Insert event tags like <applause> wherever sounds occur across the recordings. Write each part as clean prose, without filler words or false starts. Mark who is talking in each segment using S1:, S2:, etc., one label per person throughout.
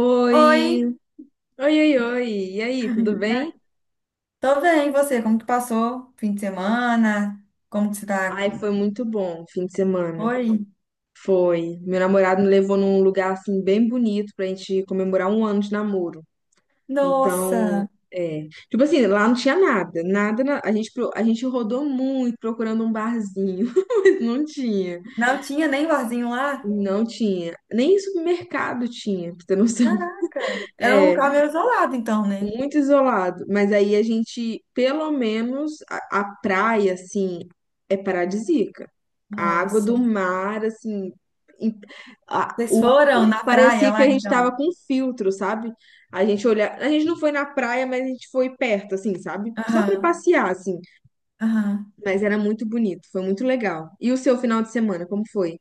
S1: Oi,
S2: Oi,
S1: oi, oi, oi. E aí, tudo bem?
S2: tô bem, e você? Como que passou o fim de semana? Como que você tá?
S1: Ai, foi muito bom o fim de semana.
S2: Oi?
S1: Foi. Meu namorado me levou num lugar assim bem bonito pra gente comemorar um ano de namoro. Então,
S2: Nossa,
S1: é. Tipo assim, lá não tinha nada, nada. Na- A gente, a gente rodou muito procurando um barzinho. <laughs> Não tinha,
S2: não tinha nem barzinho lá?
S1: não tinha. Nem supermercado tinha, pra ter noção.
S2: Caraca, era um lugar
S1: <laughs>
S2: meio isolado então, né?
S1: Muito isolado. Mas aí a gente, pelo menos, a praia, assim, é paradisíaca. A água
S2: Nossa,
S1: do mar, assim, em- a-
S2: vocês
S1: o,
S2: foram na praia
S1: parecia que
S2: lá
S1: a gente
S2: então?
S1: tava com filtro, sabe? A gente olha, a gente não foi na praia, mas a gente foi perto, assim, sabe? Só pra
S2: Aham,
S1: passear, assim.
S2: aham.
S1: Mas era muito bonito, foi muito legal. E o seu final de semana, como foi?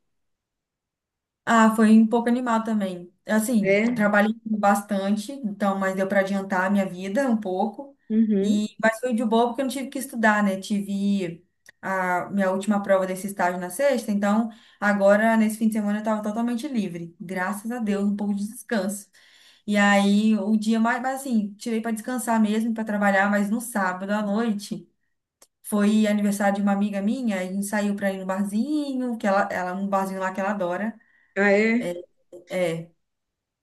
S2: Ah, foi um pouco animal também. Assim,
S1: É?
S2: trabalhei bastante, então, mas deu para adiantar a minha vida um pouco.
S1: Uhum.
S2: E, mas foi de boa porque eu não tive que estudar, né? Tive a minha última prova desse estágio na sexta, então agora, nesse fim de semana, eu estava totalmente livre. Graças a Deus, um pouco de descanso. E aí, o dia mas assim, tirei para descansar mesmo, para trabalhar, mas no sábado à noite foi aniversário de uma amiga minha, a gente saiu para ir no barzinho, que ela, um barzinho lá que ela adora.
S1: Ah, é?
S2: É,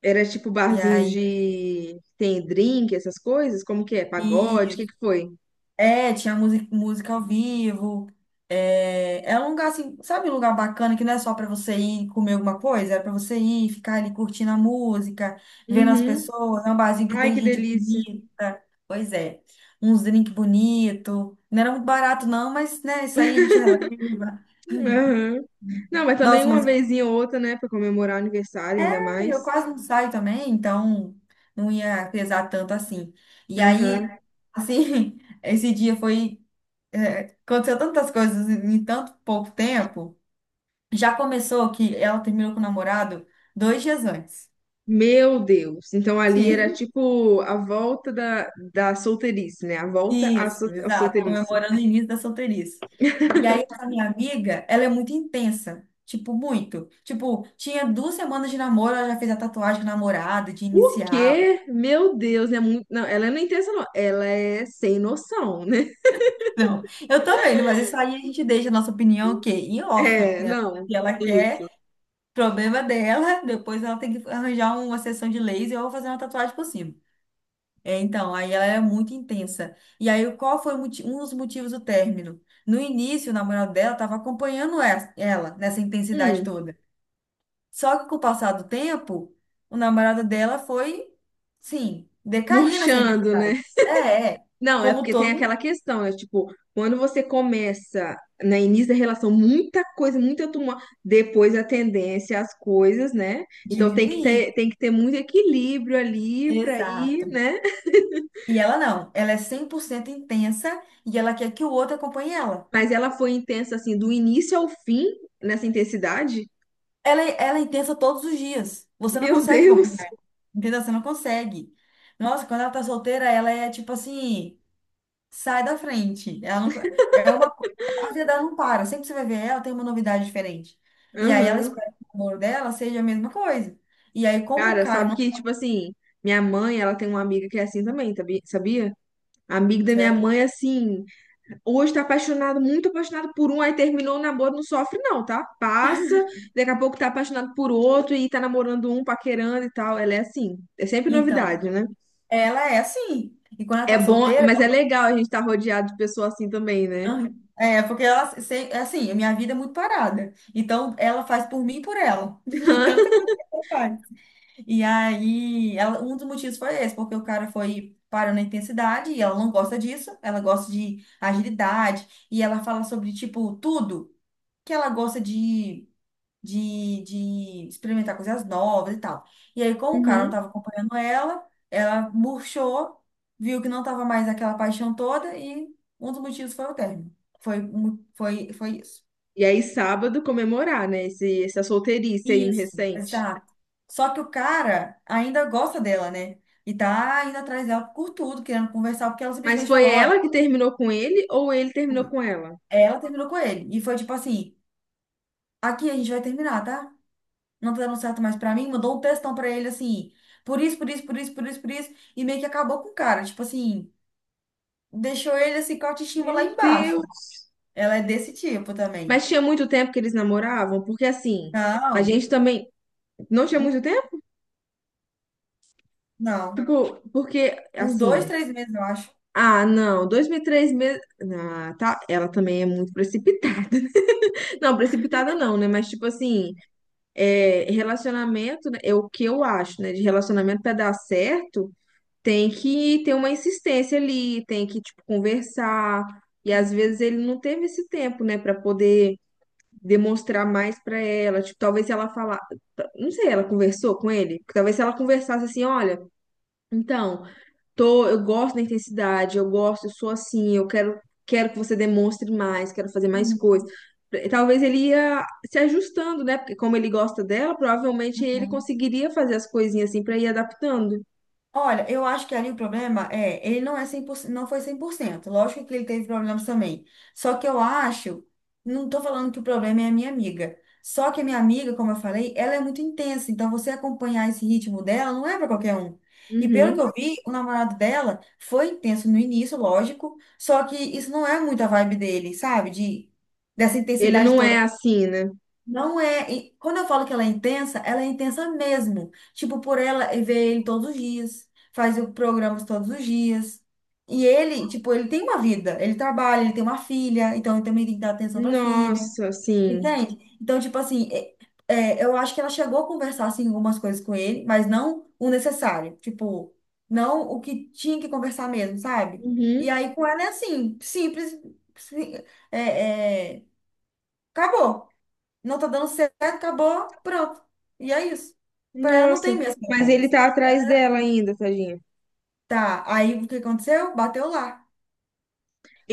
S1: Era tipo
S2: e
S1: barzinho
S2: aí,
S1: de... Tem drink, essas coisas? Como que é? Pagode? O que
S2: isso.
S1: que foi?
S2: É, tinha música, música ao vivo. É, é um lugar assim, sabe, um lugar bacana que não é só para você ir comer alguma coisa, é para você ir ficar ali curtindo a música, vendo as
S1: Uhum.
S2: pessoas. É um barzinho que
S1: Ai,
S2: tem
S1: que
S2: gente
S1: delícia.
S2: bonita. Pois é, uns drinks bonito. Não era muito barato, não, mas né, isso aí a gente releva.
S1: Aham. Não, mas também
S2: Nossa,
S1: uma
S2: mas
S1: vezinha ou outra, né, pra comemorar o aniversário, ainda
S2: é, eu
S1: mais.
S2: quase não saio também, então não ia pesar tanto assim. E aí,
S1: Aham.
S2: assim, <laughs> esse dia foi. É, aconteceu tantas coisas em tanto pouco tempo. Já começou que ela terminou com o namorado 2 dias antes.
S1: Meu Deus. Então ali era
S2: Sim.
S1: tipo a volta da solteirice, né? A volta
S2: Isso,
S1: à
S2: exato,
S1: solteirice.
S2: comemorando o início da solteirice. E aí, essa minha amiga, ela é muito intensa, tipo, muito. Tipo, tinha 2 semanas de namoro, ela já fez a tatuagem de namorado, de
S1: O
S2: inicial.
S1: quê? Meu Deus, é muito. Não, ela não é intensa, não. Ela é sem noção, né?
S2: Não, eu também, mas isso aí a gente deixa a nossa opinião, o quê? Em off,
S1: É,
S2: né?
S1: não.
S2: Se ela
S1: Isso.
S2: quer, problema dela, depois ela tem que arranjar uma sessão de laser ou fazer uma tatuagem por cima. É, então, aí ela era muito intensa. E aí, qual foi o um dos motivos do término? No início, o namorado dela estava acompanhando ela nessa intensidade
S1: Hum,
S2: toda. Só que com o passar do tempo, o namorado dela foi, sim, decair nessa
S1: murchando,
S2: intensidade.
S1: né?
S2: É, é.
S1: Não, é
S2: Como
S1: porque tem
S2: todo,
S1: aquela questão, é tipo, quando você começa no início da relação, muita coisa, muita tumulto, depois a tendência às coisas, né? Então tem
S2: diminuir.
S1: tem que ter muito equilíbrio ali pra ir,
S2: Exato.
S1: né?
S2: E ela não. Ela é 100% intensa e ela quer que o outro acompanhe ela.
S1: Mas ela foi intensa assim, do início ao fim, nessa intensidade.
S2: Ela é intensa todos os dias. Você não
S1: Meu
S2: consegue
S1: <laughs> Deus!
S2: acompanhar. Entendeu? Você não consegue. Nossa, quando ela tá solteira, ela é tipo assim, sai da frente. Ela não, é uma, a vida dela não para. Sempre que você vai ver ela, tem uma novidade diferente. E aí ela
S1: Aham.
S2: espera que o amor dela seja a mesma coisa. E aí, como o
S1: Cara,
S2: cara
S1: sabe
S2: não
S1: que, tipo assim, minha mãe, ela tem uma amiga que é assim também, sabia? A amiga da minha
S2: consegue,
S1: mãe, assim. Hoje tá apaixonado, muito apaixonado por um, aí terminou o namoro, não sofre não, tá? Passa, daqui a pouco tá apaixonado por outro e tá namorando um, paquerando e tal. Ela é assim, é sempre
S2: então,
S1: novidade, né?
S2: ela é assim. E quando ela
S1: É
S2: tá
S1: bom,
S2: solteira,
S1: mas é legal a gente estar rodeado de pessoas assim também,
S2: <laughs>
S1: né?
S2: ela- é porque ela se- é assim, a minha vida é muito parada. Então, ela faz por mim e por ela. <laughs> De tanta
S1: <laughs>
S2: coisa que ela faz. E aí, um dos motivos foi esse, porque o cara foi parando na intensidade e ela não gosta disso, ela gosta de agilidade e ela fala sobre, tipo, tudo que ela gosta de experimentar coisas novas e tal. E aí, como o cara não
S1: Uhum.
S2: estava acompanhando ela, ela murchou, viu que não estava mais aquela paixão toda e um dos motivos foi o término. Foi isso.
S1: E aí sábado comemorar, né? Esse, essa solteirice aí
S2: Isso,
S1: recente.
S2: exato. Só que o cara ainda gosta dela, né? E tá indo atrás dela por tudo, querendo conversar, porque ela
S1: Mas
S2: simplesmente
S1: foi
S2: falou,
S1: ela
S2: olha,
S1: que terminou com ele ou ele terminou com ela?
S2: ela terminou com ele. E foi tipo assim, aqui a gente vai terminar, tá? Não tá dando certo mais pra mim, mandou um textão pra ele assim, por isso, por isso, por isso, por isso, por isso, e meio que acabou com o cara, tipo assim, deixou ele assim com a autoestima lá
S1: Meu
S2: embaixo.
S1: Deus!
S2: Ela é desse tipo também.
S1: Mas tinha muito tempo que eles namoravam? Porque assim, a
S2: Não,
S1: gente também. Não tinha muito.
S2: não.
S1: Ficou, porque,
S2: Uns dois,
S1: assim,
S2: três meses, eu acho.
S1: ah, não, dois, três meses. Ah, tá, ela também é muito precipitada. <laughs> Não, precipitada não, né? Mas, tipo assim, é, relacionamento, né, é o que eu acho, né? De relacionamento pra dar certo, tem que ter uma insistência ali, tem que, tipo, conversar. E às vezes ele não teve esse tempo, né, pra poder demonstrar mais pra ela. Tipo, talvez se ela falar, não sei, ela conversou com ele? Talvez se ela conversasse assim, olha. Então, tô, eu gosto da intensidade, eu gosto, eu sou assim, eu quero, quero que você demonstre mais, quero fazer mais coisas.
S2: Uhum.
S1: Talvez ele ia se ajustando, né? Porque como ele gosta dela, provavelmente ele conseguiria fazer as coisinhas assim pra ir adaptando.
S2: Olha, eu acho que ali o problema é, ele não é 100%, não foi 100%. Lógico que ele teve problemas também. Só que eu acho, não tô falando que o problema é a minha amiga. Só que a minha amiga, como eu falei, ela é muito intensa, então você acompanhar esse ritmo dela não é para qualquer um. E pelo
S1: Uhum.
S2: que eu vi, o namorado dela foi intenso no início, lógico, só que isso não é muito a vibe dele, sabe? De Dessa
S1: Ele
S2: intensidade
S1: não é
S2: toda
S1: assim, né?
S2: não é. E quando eu falo que ela é intensa mesmo. Tipo, por ela ver ele todos os dias, faz programas todos os dias. E ele, tipo, ele tem uma vida, ele trabalha, ele tem uma filha, então ele também tem que dar atenção pra filha,
S1: Nossa, assim.
S2: entende? Então, tipo assim, eu acho que ela chegou a conversar, assim, algumas coisas com ele, mas não o necessário, tipo, não o que tinha que conversar mesmo, sabe? E
S1: Uhum.
S2: aí com ela é assim, simples, sim- é, é, acabou. Não tá dando certo, acabou, pronto. E é isso. Para ela não
S1: Nossa,
S2: tem minhas
S1: mas ele
S2: palavras.
S1: tá atrás dela ainda, tadinho.
S2: Tá, aí o que aconteceu? Bateu lá.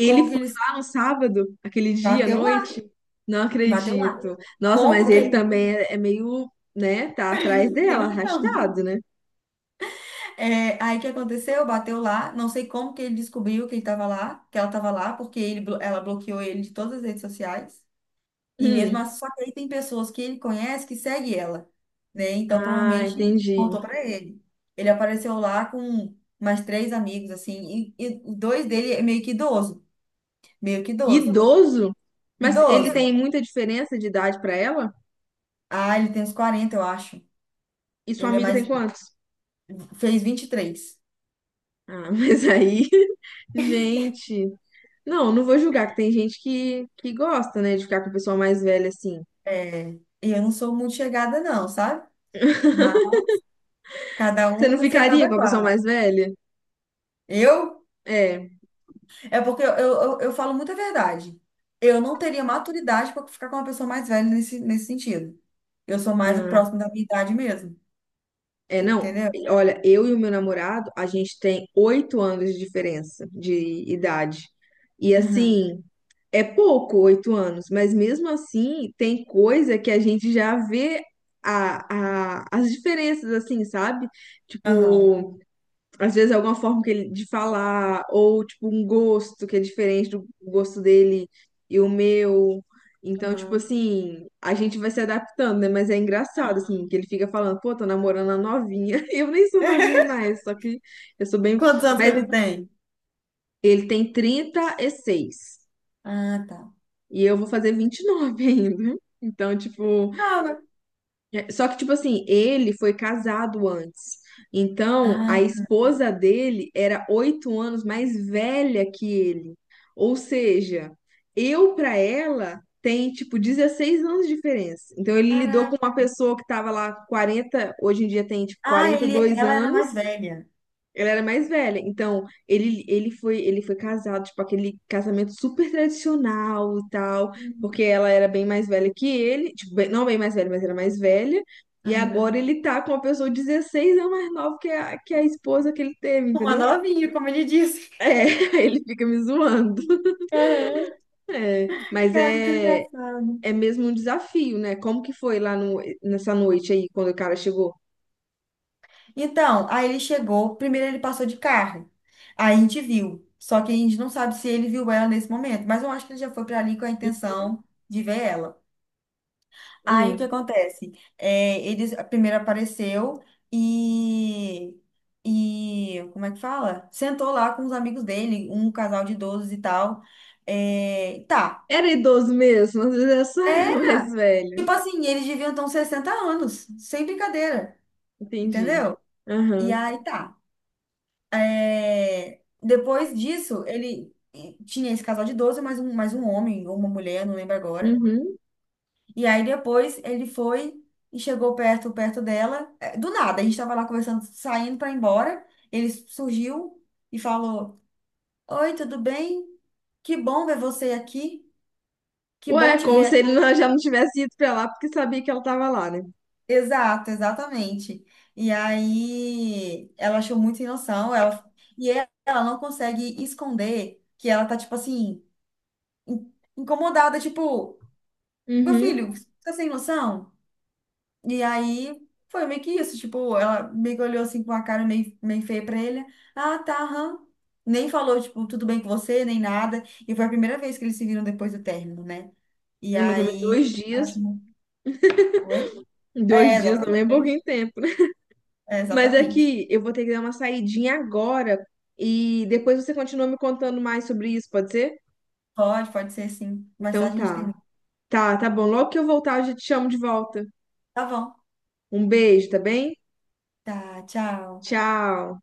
S2: Como que
S1: foi
S2: eles.
S1: lá no sábado, aquele dia à
S2: Bateu lá,
S1: noite? Não
S2: bateu lá.
S1: acredito. Nossa, mas
S2: Como que
S1: ele
S2: ele.
S1: também é meio, né? Tá atrás
S2: <laughs> Sem
S1: dela,
S2: noção, né?
S1: arrastado, né?
S2: É, aí o que aconteceu? Bateu lá. Não sei como que ele descobriu que ele tava lá, que ela tava lá, porque ela bloqueou ele de todas as redes sociais. E mesmo
S1: Hum.
S2: assim, só que aí tem pessoas que ele conhece que segue ela, né? Então
S1: Ah,
S2: provavelmente
S1: entendi.
S2: contou pra ele. Ele apareceu lá com mais três amigos, assim, e dois dele é meio que idoso, meio que idoso.
S1: Idoso? Mas ele
S2: Idoso.
S1: tem muita diferença de idade pra ela?
S2: Ah, ele tem uns 40 eu acho.
S1: E sua
S2: Ele é
S1: amiga tem
S2: mais,
S1: quantos?
S2: fez 23.
S1: Ah, mas aí, <laughs> gente. Não, não vou julgar, que tem gente que gosta, né, de ficar com a pessoa mais velha assim.
S2: É, e eu não sou muito chegada não, sabe? Mas cada
S1: Você
S2: um
S1: não
S2: com seu
S1: ficaria com
S2: cada
S1: a pessoa mais
S2: qual.
S1: velha?
S2: Eu?
S1: É.
S2: É porque eu falo muita verdade. Eu não teria maturidade para ficar com uma pessoa mais velha nesse sentido. Eu sou mais
S1: Ah.
S2: próximo da minha idade mesmo.
S1: É, não,
S2: Entendeu?
S1: olha, eu e o meu namorado, a gente tem oito anos de diferença de idade. E
S2: Uhum.
S1: assim, é pouco oito anos, mas mesmo assim, tem coisa que a gente já vê as diferenças, assim, sabe?
S2: Aham.
S1: Tipo, às vezes alguma forma que ele, de falar, ou tipo um gosto que é diferente do gosto dele e o meu. Então, tipo
S2: Aham.
S1: assim, a gente vai se adaptando, né? Mas é engraçado,
S2: Aham.
S1: assim, que ele fica falando, pô, tô namorando a novinha. <laughs> Eu nem sou novinha
S2: <laughs>
S1: mais, só que eu sou bem.
S2: Quantos anos que
S1: Mas
S2: ele tem?
S1: ele tem trinta e seis
S2: Ah, tá.
S1: e eu vou fazer 29 ainda. Então, tipo.
S2: Ah, né?
S1: É, só que, tipo assim, ele foi casado antes. Então, a
S2: Ah,
S1: esposa dele era oito anos mais velha que ele. Ou seja, eu pra ela tem, tipo, 16 anos de diferença. Então, ele lidou
S2: caraca.
S1: com uma pessoa que tava lá 40 hoje em dia tem, tipo,
S2: Ah,
S1: quarenta e dois
S2: ela era mais
S1: anos,
S2: velha.
S1: ela era mais velha, então ele foi casado, tipo, aquele casamento super tradicional e tal, porque
S2: Hum.
S1: ela era bem mais velha que ele, tipo, não bem mais velha, mas era mais velha, e
S2: Aham.
S1: agora ele tá com uma pessoa 16 anos mais nova que que a esposa que ele teve,
S2: Uma
S1: entendeu?
S2: novinha, como ele disse.
S1: É, <laughs> ele fica me zoando.
S2: Aham.
S1: É, mas
S2: Cara, que engraçado.
S1: é mesmo um desafio, né? Como que foi lá no, nessa noite aí, quando o cara chegou?
S2: Então, aí ele chegou, primeiro ele passou de carro. Aí a gente viu. Só que a gente não sabe se ele viu ela nesse momento, mas eu acho que ele já foi para ali com a intenção de ver ela. Aí o que
S1: Hum,
S2: acontece? É, ele primeiro apareceu e, e como é que fala? Sentou lá com os amigos dele, um casal de idosos e tal. É, tá.
S1: era idoso mesmo, às vezes eu só <laughs> era mais
S2: Era.
S1: velho.
S2: Tipo assim, eles deviam ter uns 60 anos, sem brincadeira,
S1: Entendi.
S2: entendeu? E
S1: Aham.
S2: aí tá. É, depois disso, ele tinha esse casal de 12 mais um homem ou uma mulher, não lembro agora.
S1: Uhum.
S2: E aí depois ele foi e chegou perto dela. É, do nada, a gente tava lá conversando, saindo pra ir embora. Ele surgiu e falou: Oi, tudo bem? Que bom ver você aqui. Que bom
S1: Ué,
S2: te
S1: como
S2: ver
S1: se
S2: aqui.
S1: ele não- já não tivesse ido pra lá porque sabia que ela tava lá, né?
S2: Exato, exatamente. E aí ela achou muito sem noção. E Ela não consegue esconder que ela tá tipo assim incomodada, tipo, meu
S1: Uhum.
S2: filho, você tá sem noção? E aí foi meio que isso, tipo, ela meio que olhou assim com a cara meio, meio feia pra ele. Ah, tá, aham. Nem falou, tipo, tudo bem com você, nem nada. E foi a primeira vez que eles se viram depois do término, né? E
S1: Mas também
S2: aí
S1: dois
S2: ela
S1: dias.
S2: chamou. Oi? É,
S1: Dois dias também
S2: exatamente.
S1: é
S2: É, isso.
S1: pouquinho tempo, né?
S2: É,
S1: Mas é
S2: exatamente.
S1: que eu vou ter que dar uma saidinha agora e depois você continua me contando mais sobre isso, pode ser?
S2: Pode, pode ser sim. Mais
S1: Então
S2: tarde a gente
S1: tá.
S2: termina.
S1: Tá, tá bom. Logo que eu voltar, eu já te chamo de volta.
S2: Tá bom.
S1: Um beijo, tá bem?
S2: Tá, tchau.
S1: Tchau.